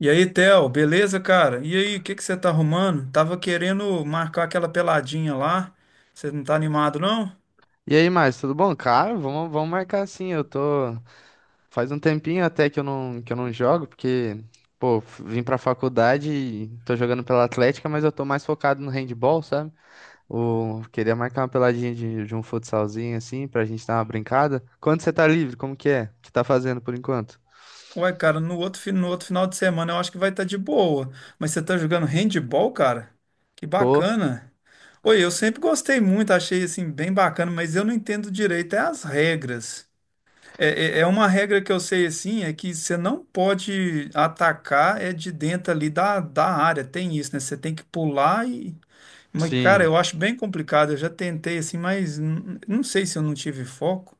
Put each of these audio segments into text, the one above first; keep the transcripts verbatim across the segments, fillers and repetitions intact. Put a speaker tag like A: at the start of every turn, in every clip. A: E aí, Theo, beleza, cara? E aí, o que que você tá arrumando? Tava querendo marcar aquela peladinha lá. Você não tá animado, não?
B: E aí, mais, tudo bom? Cara, vamos, vamos marcar sim. Eu tô. Faz um tempinho até que eu não, que eu não jogo, porque, pô, f- vim pra faculdade e tô jogando pela Atlética, mas eu tô mais focado no handball, sabe? O... Queria marcar uma peladinha de, de um futsalzinho assim, pra gente dar uma brincada. Quando você tá livre, como que é? O que tá fazendo por enquanto?
A: Ué, cara, no outro, fi- no outro final de semana eu acho que vai estar de boa. Mas você tá jogando handball, cara? Que
B: Tô.
A: bacana. Oi, eu sempre gostei muito, achei assim bem bacana, mas eu não entendo direito é as regras. É, é é uma regra que eu sei assim, é que você não pode atacar é de dentro ali da, da área, tem isso, né? Você tem que pular. Mas, cara,
B: Sim.
A: eu acho bem complicado. Eu já tentei assim, mas n- não sei se eu não tive foco.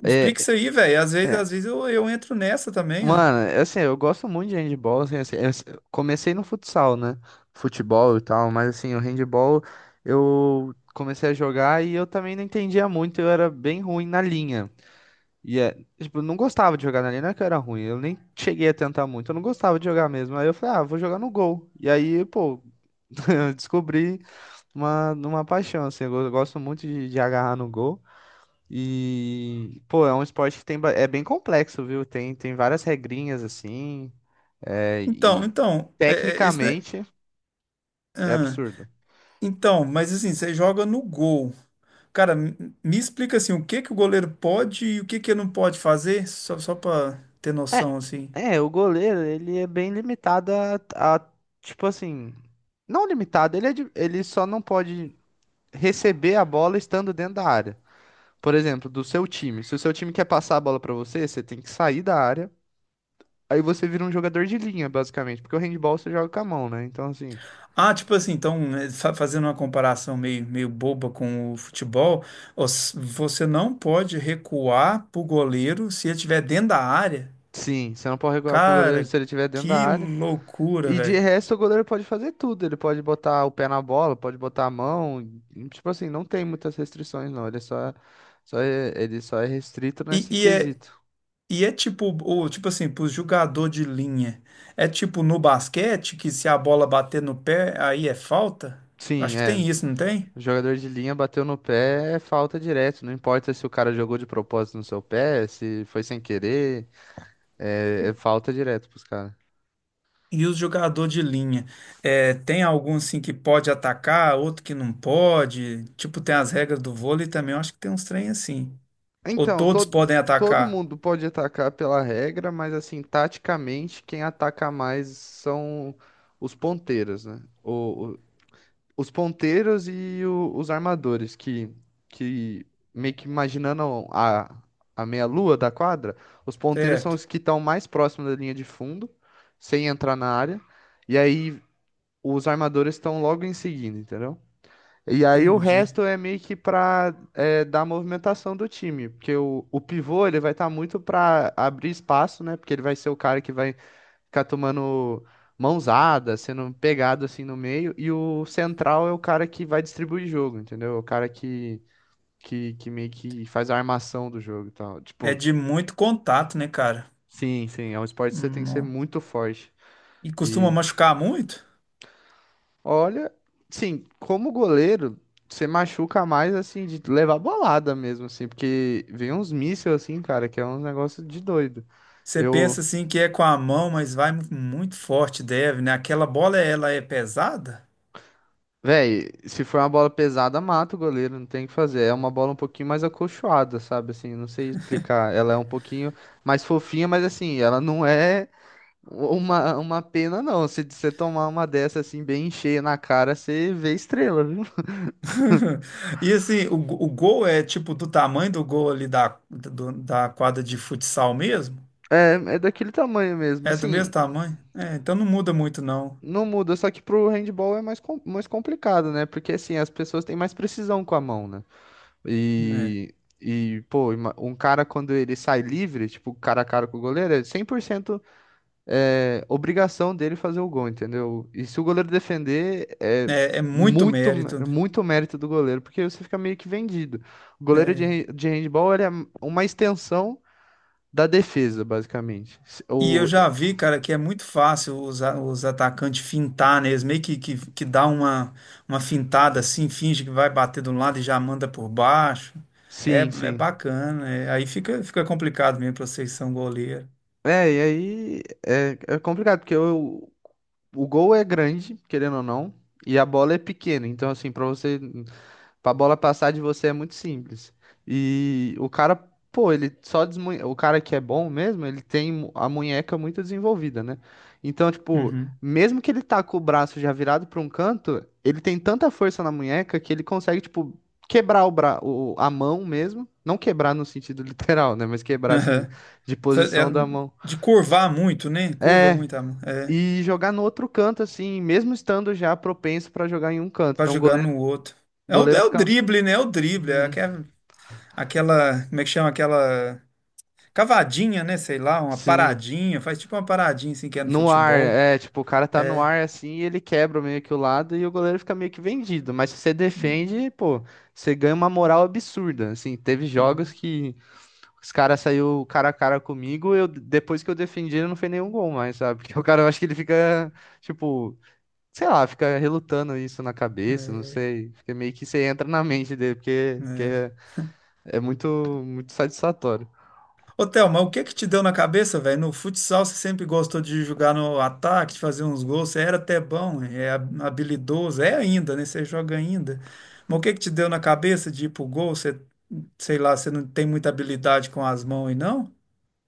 A: Me explica
B: É,
A: isso aí, velho. Às vezes,
B: é,
A: às vezes eu, eu entro nessa também, ué.
B: Mano, assim, eu gosto muito de handball, assim, assim, eu s- eu comecei no futsal, né? Futebol e tal, mas assim, o handball eu comecei a jogar e eu também não entendia muito, eu era bem ruim na linha. E é, tipo, eu não gostava de jogar na linha, não é que eu era ruim, eu nem cheguei a tentar muito, eu não gostava de jogar mesmo. Aí eu falei, ah, vou jogar no gol. E aí, pô, eu descobri uma, uma paixão, assim, eu go- eu gosto muito de, de agarrar no gol. E, pô, é um esporte que tem, ba- é bem complexo, viu? Tem, tem várias regrinhas assim. É,
A: Então,
B: e
A: então, é, é, esse, né?
B: tecnicamente é
A: Ah,
B: absurdo.
A: então, mas assim, você joga no gol. Cara, m- me explica assim, o que que o goleiro pode e o que que ele não pode fazer, só, só para ter
B: É,
A: noção, assim.
B: é, o goleiro, ele é bem limitado a, a, tipo assim, não limitado, ele, é de- ele só não pode receber a bola estando dentro da área. Por exemplo, do seu time. Se o seu time quer passar a bola pra você, você tem que sair da área. Aí você vira um jogador de linha, basicamente, porque o handball você joga com a mão, né? Então, assim.
A: Ah, tipo assim, então, eh, fa- fazendo uma comparação meio, meio boba com o futebol, os- você não pode recuar pro goleiro se ele estiver dentro da área.
B: Sim, você não pode recuar pro goleiro se
A: Cara,
B: ele estiver dentro da
A: que
B: área.
A: loucura,
B: E de
A: velho.
B: resto, o goleiro pode fazer tudo. Ele pode botar o pé na bola, pode botar a mão. Tipo assim, não tem muitas restrições, não. Ele é só, só é, ele só é restrito
A: E,
B: nesse
A: e é,
B: quesito.
A: e é tipo, o, tipo assim, pro jogador de linha. É tipo no basquete, que se a bola bater no pé, aí é falta?
B: Sim,
A: Acho que
B: é.
A: tem isso, não tem?
B: O jogador de linha bateu no pé, é falta direto. Não importa se o cara jogou de propósito no seu pé, se foi sem querer, é, é falta direto pros caras.
A: E o jogador de linha, é, tem algum assim que pode atacar, outro que não pode? Tipo, tem as regras do vôlei também, eu acho que tem uns trem assim. Ou
B: Então,
A: todos
B: todo,
A: podem
B: todo
A: atacar,
B: mundo pode atacar pela regra, mas assim, taticamente, quem ataca mais são os ponteiros, né? O, o- os ponteiros e o- os armadores, que, que meio que imaginando a, a meia-lua da quadra, os ponteiros são
A: certo?
B: os que estão mais próximos da linha de fundo, sem entrar na área, e aí os armadores estão logo em seguida, entendeu? E aí o
A: Entendi.
B: resto é meio que pra é, dar movimentação do time, porque o, o pivô ele vai estar muito pra abrir espaço, né? Porque ele vai ser o cara que vai ficar tomando mãozada, sendo pegado assim no meio, e o central é o cara que vai distribuir jogo, entendeu? O cara que, que, que meio que faz a armação do jogo e tal.
A: É
B: Tipo,
A: de muito contato, né, cara?
B: sim, sim, é um esporte que você tem que ser
A: Hum.
B: muito forte.
A: E costuma machucar muito?
B: Olha, sim, como goleiro, você machuca mais assim de levar bolada mesmo assim, porque vem uns mísseis assim, cara, que é um negócio de doido.
A: Você
B: Eu,
A: pensa assim que é com a mão, mas vai mu- muito forte, deve, né? Aquela bola, ela é pesada?
B: véi, se for uma bola pesada, mata o goleiro, não tem o que fazer. É uma bola um pouquinho mais acolchoada, sabe assim, não sei explicar. Ela é um pouquinho mais fofinha, mas assim, ela não é uma uma pena não. Se você tomar uma dessa assim bem cheia na cara, você vê estrela, viu?
A: E assim, o, go- o gol é tipo do tamanho do gol ali da, do- da quadra de futsal mesmo?
B: É, é daquele tamanho mesmo.
A: É do
B: Assim,
A: mesmo tamanho? É, então não muda muito, não.
B: não muda, só que pro handball é mais, com- mais complicado, né? Porque assim, as pessoas têm mais precisão com a mão, né? E, e pô, ima- um cara quando ele sai livre, tipo, cara a cara com o goleiro, é cem por cento é, obrigação dele fazer o gol, entendeu? E se o goleiro defender, é
A: É, é, é muito
B: muito, mé-
A: mérito.
B: muito mérito do goleiro, porque você fica meio que vendido. O goleiro de,
A: Né?
B: han- de handball, ele é uma extensão da defesa, basicamente. Se-
A: E eu
B: O,
A: já vi, cara, que é muito fácil os, a- os atacantes fintar, né? Eles meio que, que, que dá uma, uma fintada assim, finge que vai bater de um lado e já manda por baixo. É,
B: sim,
A: é
B: sim.
A: bacana. É. Aí fica, fica complicado mesmo pra vocês que são goleiro.
B: É, e aí é, é complicado, porque eu, o gol é grande, querendo ou não, e a bola é pequena. Então, assim, pra você, pra bola passar de você é muito simples. E o cara, pô, ele só desmunhe... O cara que é bom mesmo, ele tem mu- a munheca muito desenvolvida, né? Então, tipo,
A: Uhum.
B: mesmo que ele tá com o braço já virado pra um canto, ele tem tanta força na munheca que ele consegue, tipo, quebrar o bra... o- a mão mesmo. Não quebrar no sentido literal, né? Mas quebrar, assim,
A: Aham.
B: de
A: Fa- é,
B: posição da mão.
A: de curvar muito, né? Curva
B: É,
A: muito a mão. É,
B: e jogar no outro canto, assim, mesmo estando já propenso pra jogar em um canto.
A: pra
B: Então o
A: jogar
B: goleiro,
A: no outro.
B: o
A: É o,
B: goleiro
A: é o
B: fica.
A: drible, né? É o drible. É,
B: Hum.
A: que é, aquela, como é que chama? Aquela cavadinha, né? Sei lá, uma
B: Sim,
A: paradinha, faz tipo uma paradinha assim que é no
B: no ar.
A: futebol.
B: É, tipo, o cara tá no
A: É.
B: ar assim e ele quebra meio que o lado e o goleiro fica meio que vendido. Mas se você defende, pô, você ganha uma moral absurda. Assim, teve jogos
A: Hum,
B: que os caras saiu cara a cara comigo, eu depois que eu defendi, ele não fez nenhum gol mais, sabe? Porque o cara, eu acho que ele fica, tipo, sei lá, fica relutando isso na cabeça, não
A: é,
B: sei. Fica meio que você entra na mente dele, porque, porque
A: é.
B: é, é muito, muito satisfatório.
A: Ô, Theo, o que que te deu na cabeça, velho? No futsal você sempre gostou de jogar no ataque, de fazer uns gols, você era até bom, é hab- habilidoso, é ainda, né? Você joga ainda. Mas o que que te deu na cabeça de ir pro gol? Você, sei lá, você não tem muita habilidade com as mãos aí, não?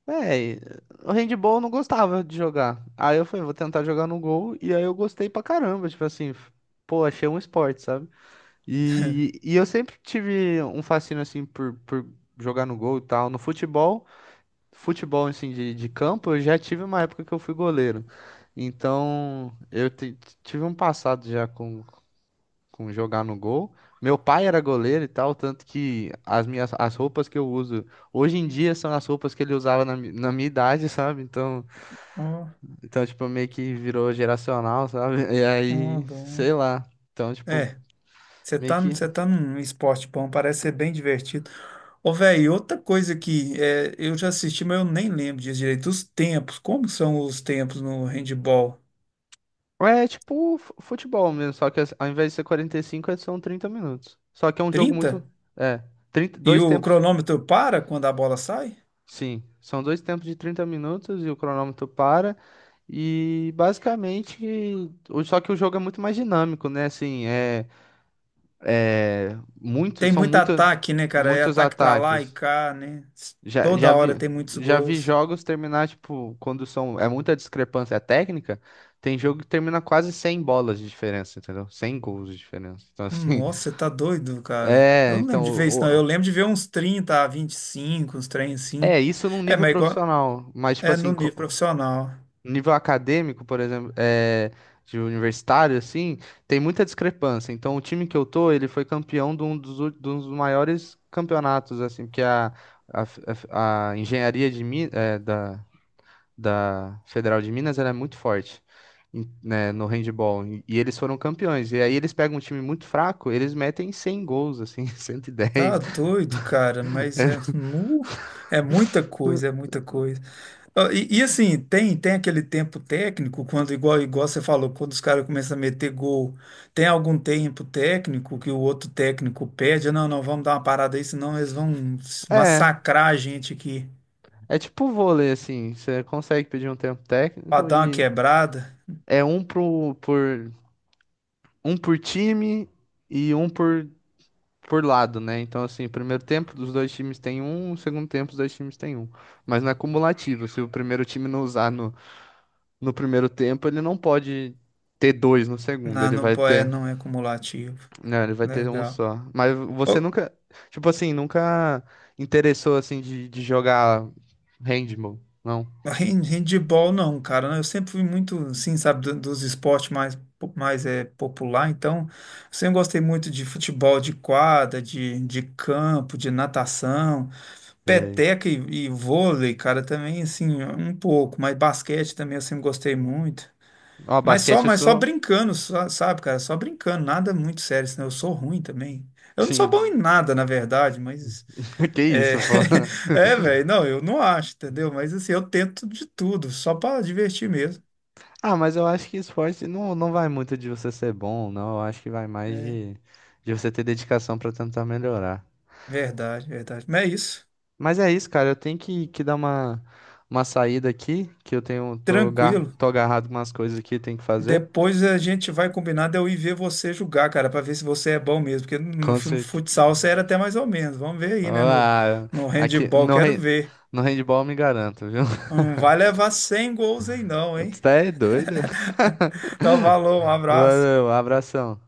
B: É, o handball eu não gostava de jogar. Aí eu falei, vou tentar jogar no gol, e aí eu gostei pra caramba, tipo assim, f- pô, achei um esporte, sabe? E, e eu sempre tive um fascínio, assim, por, por jogar no gol e tal. No futebol, futebol, assim, de, de campo, eu já tive uma época que eu fui goleiro. Então, eu te- tive um passado já com jogar no gol. Meu pai era goleiro e tal, tanto que as minhas as roupas que eu uso hoje em dia são as roupas que ele usava na, mi- na minha idade, sabe? Então,
A: Ó,
B: então tipo meio que virou geracional, sabe? E
A: ó,
B: aí,
A: bom.
B: sei lá. Então, tipo,
A: É. Você
B: meio
A: tá, num-
B: que
A: você tá num esporte bom, parece ser bem divertido. Ô, velho, outra coisa que é, eu já assisti, mas eu nem lembro disso direito. Os tempos, como são os tempos no handball?
B: é tipo fu- futebol mesmo, só que as- ao invés de ser quarenta e cinco, é- são trinta minutos. Só que é um jogo
A: Trinta.
B: muito é, trinta,
A: E
B: dois
A: o
B: tempos.
A: cronômetro para quando a bola sai?
B: Sim, são dois tempos de trinta minutos e o cronômetro para. E basicamente, o- só que o jogo é muito mais dinâmico, né? Assim, é, é muito,
A: Tem
B: são
A: muito
B: muita,
A: ataque, né, cara? É
B: muitos
A: ataque pra lá e
B: ataques.
A: cá, né?
B: Já, já
A: Toda
B: vi,
A: hora tem muitos
B: já vi
A: gols.
B: jogos terminar, tipo, quando são, é muita discrepância técnica, tem jogo que termina quase cem bolas de diferença, entendeu? cem gols de diferença. Então, assim,
A: Nossa, você tá doido, cara.
B: é,
A: Eu não lembro
B: então,
A: de ver isso, não.
B: o-
A: Eu lembro de ver uns trinta a vinte e cinco, uns trem assim.
B: é isso num
A: É,
B: nível
A: mas é igual,
B: profissional, mas, tipo
A: é
B: assim,
A: no nível
B: co-
A: profissional.
B: nível acadêmico, por exemplo, é, de universitário, assim, tem muita discrepância. Então, o time que eu tô, ele foi campeão de um dos, ú- de um dos maiores campeonatos, assim, porque a, a, f- a f- a engenharia de, Mi- é, da, da Federal de Minas, ela é muito forte. Em- né, no handball, e e eles foram campeões. E aí eles pegam um time muito fraco, eles metem cem gols, assim, cento e
A: Tá
B: dez.
A: doido, cara, mas é, mu- é muita coisa, é muita coisa. Ó, E, e assim, tem tem aquele tempo técnico, quando igual, igual você falou, quando os caras começam a meter gol, tem algum tempo técnico que o outro técnico pede, não, não, vamos dar uma parada aí, senão eles vão
B: É,
A: massacrar a gente aqui,
B: é tipo vôlei, assim, você consegue pedir um tempo
A: pra
B: técnico
A: dar uma
B: e
A: quebrada.
B: é um pro, por um por time e um por, por lado, né? Então, assim, primeiro tempo dos dois times tem um, segundo tempo dos dois times tem um. Mas não é cumulativo. Se o primeiro time não usar no, no primeiro tempo, ele não pode ter dois no segundo.
A: Não,
B: Ele
A: não,
B: vai
A: po- é,
B: ter.
A: não é cumulativo.
B: Né, ele vai ter um
A: Legal.
B: só. Mas você nunca. Tipo assim, nunca interessou assim de, de jogar handball, não?
A: Hand- Handball não, cara. Né? Eu sempre fui muito, assim, sabe, do- dos esportes mais, po- mais é, popular. Então, sempre gostei muito de futebol de quadra, de, de campo, de natação,
B: Sei.
A: peteca e, e vôlei, cara, também, assim, um pouco. Mas basquete também eu sempre gostei muito.
B: Ó,
A: Mas só,
B: basquete eu
A: mas só
B: sou.
A: brincando, só- sabe, cara? Só brincando, nada muito sério, senão eu sou ruim também. Eu não sou
B: Sim.
A: bom em nada, na verdade, mas.
B: Que
A: É,
B: isso, pô.
A: é, velho, não, eu não acho, entendeu? Mas assim, eu tento de tudo, só pra divertir mesmo.
B: Ah, mas eu acho que esporte não, não vai muito de você ser bom, não. Eu acho que vai mais
A: É,
B: de, de você ter dedicação pra tentar melhorar.
A: verdade, verdade. Mas é isso,
B: Mas é isso, cara. Eu tenho que, que dar uma, uma saída aqui, que eu tenho, tô, ga-
A: tranquilo.
B: tô agarrado com umas coisas aqui, tenho que fazer.
A: Depois a gente vai combinar de eu ir ver você jogar, cara, pra ver se você é bom mesmo. Porque no
B: Com
A: fu-
B: certeza.
A: futsal você era até mais ou menos. Vamos ver aí, né? No,
B: Ah,
A: no
B: aqui
A: handebol,
B: no,
A: quero
B: hand-
A: ver.
B: no handball eu me garanto, viu?
A: Não vai levar cem gols aí, não, hein?
B: Você tá é doido.
A: Então, valeu, um abraço.
B: Valeu, abração.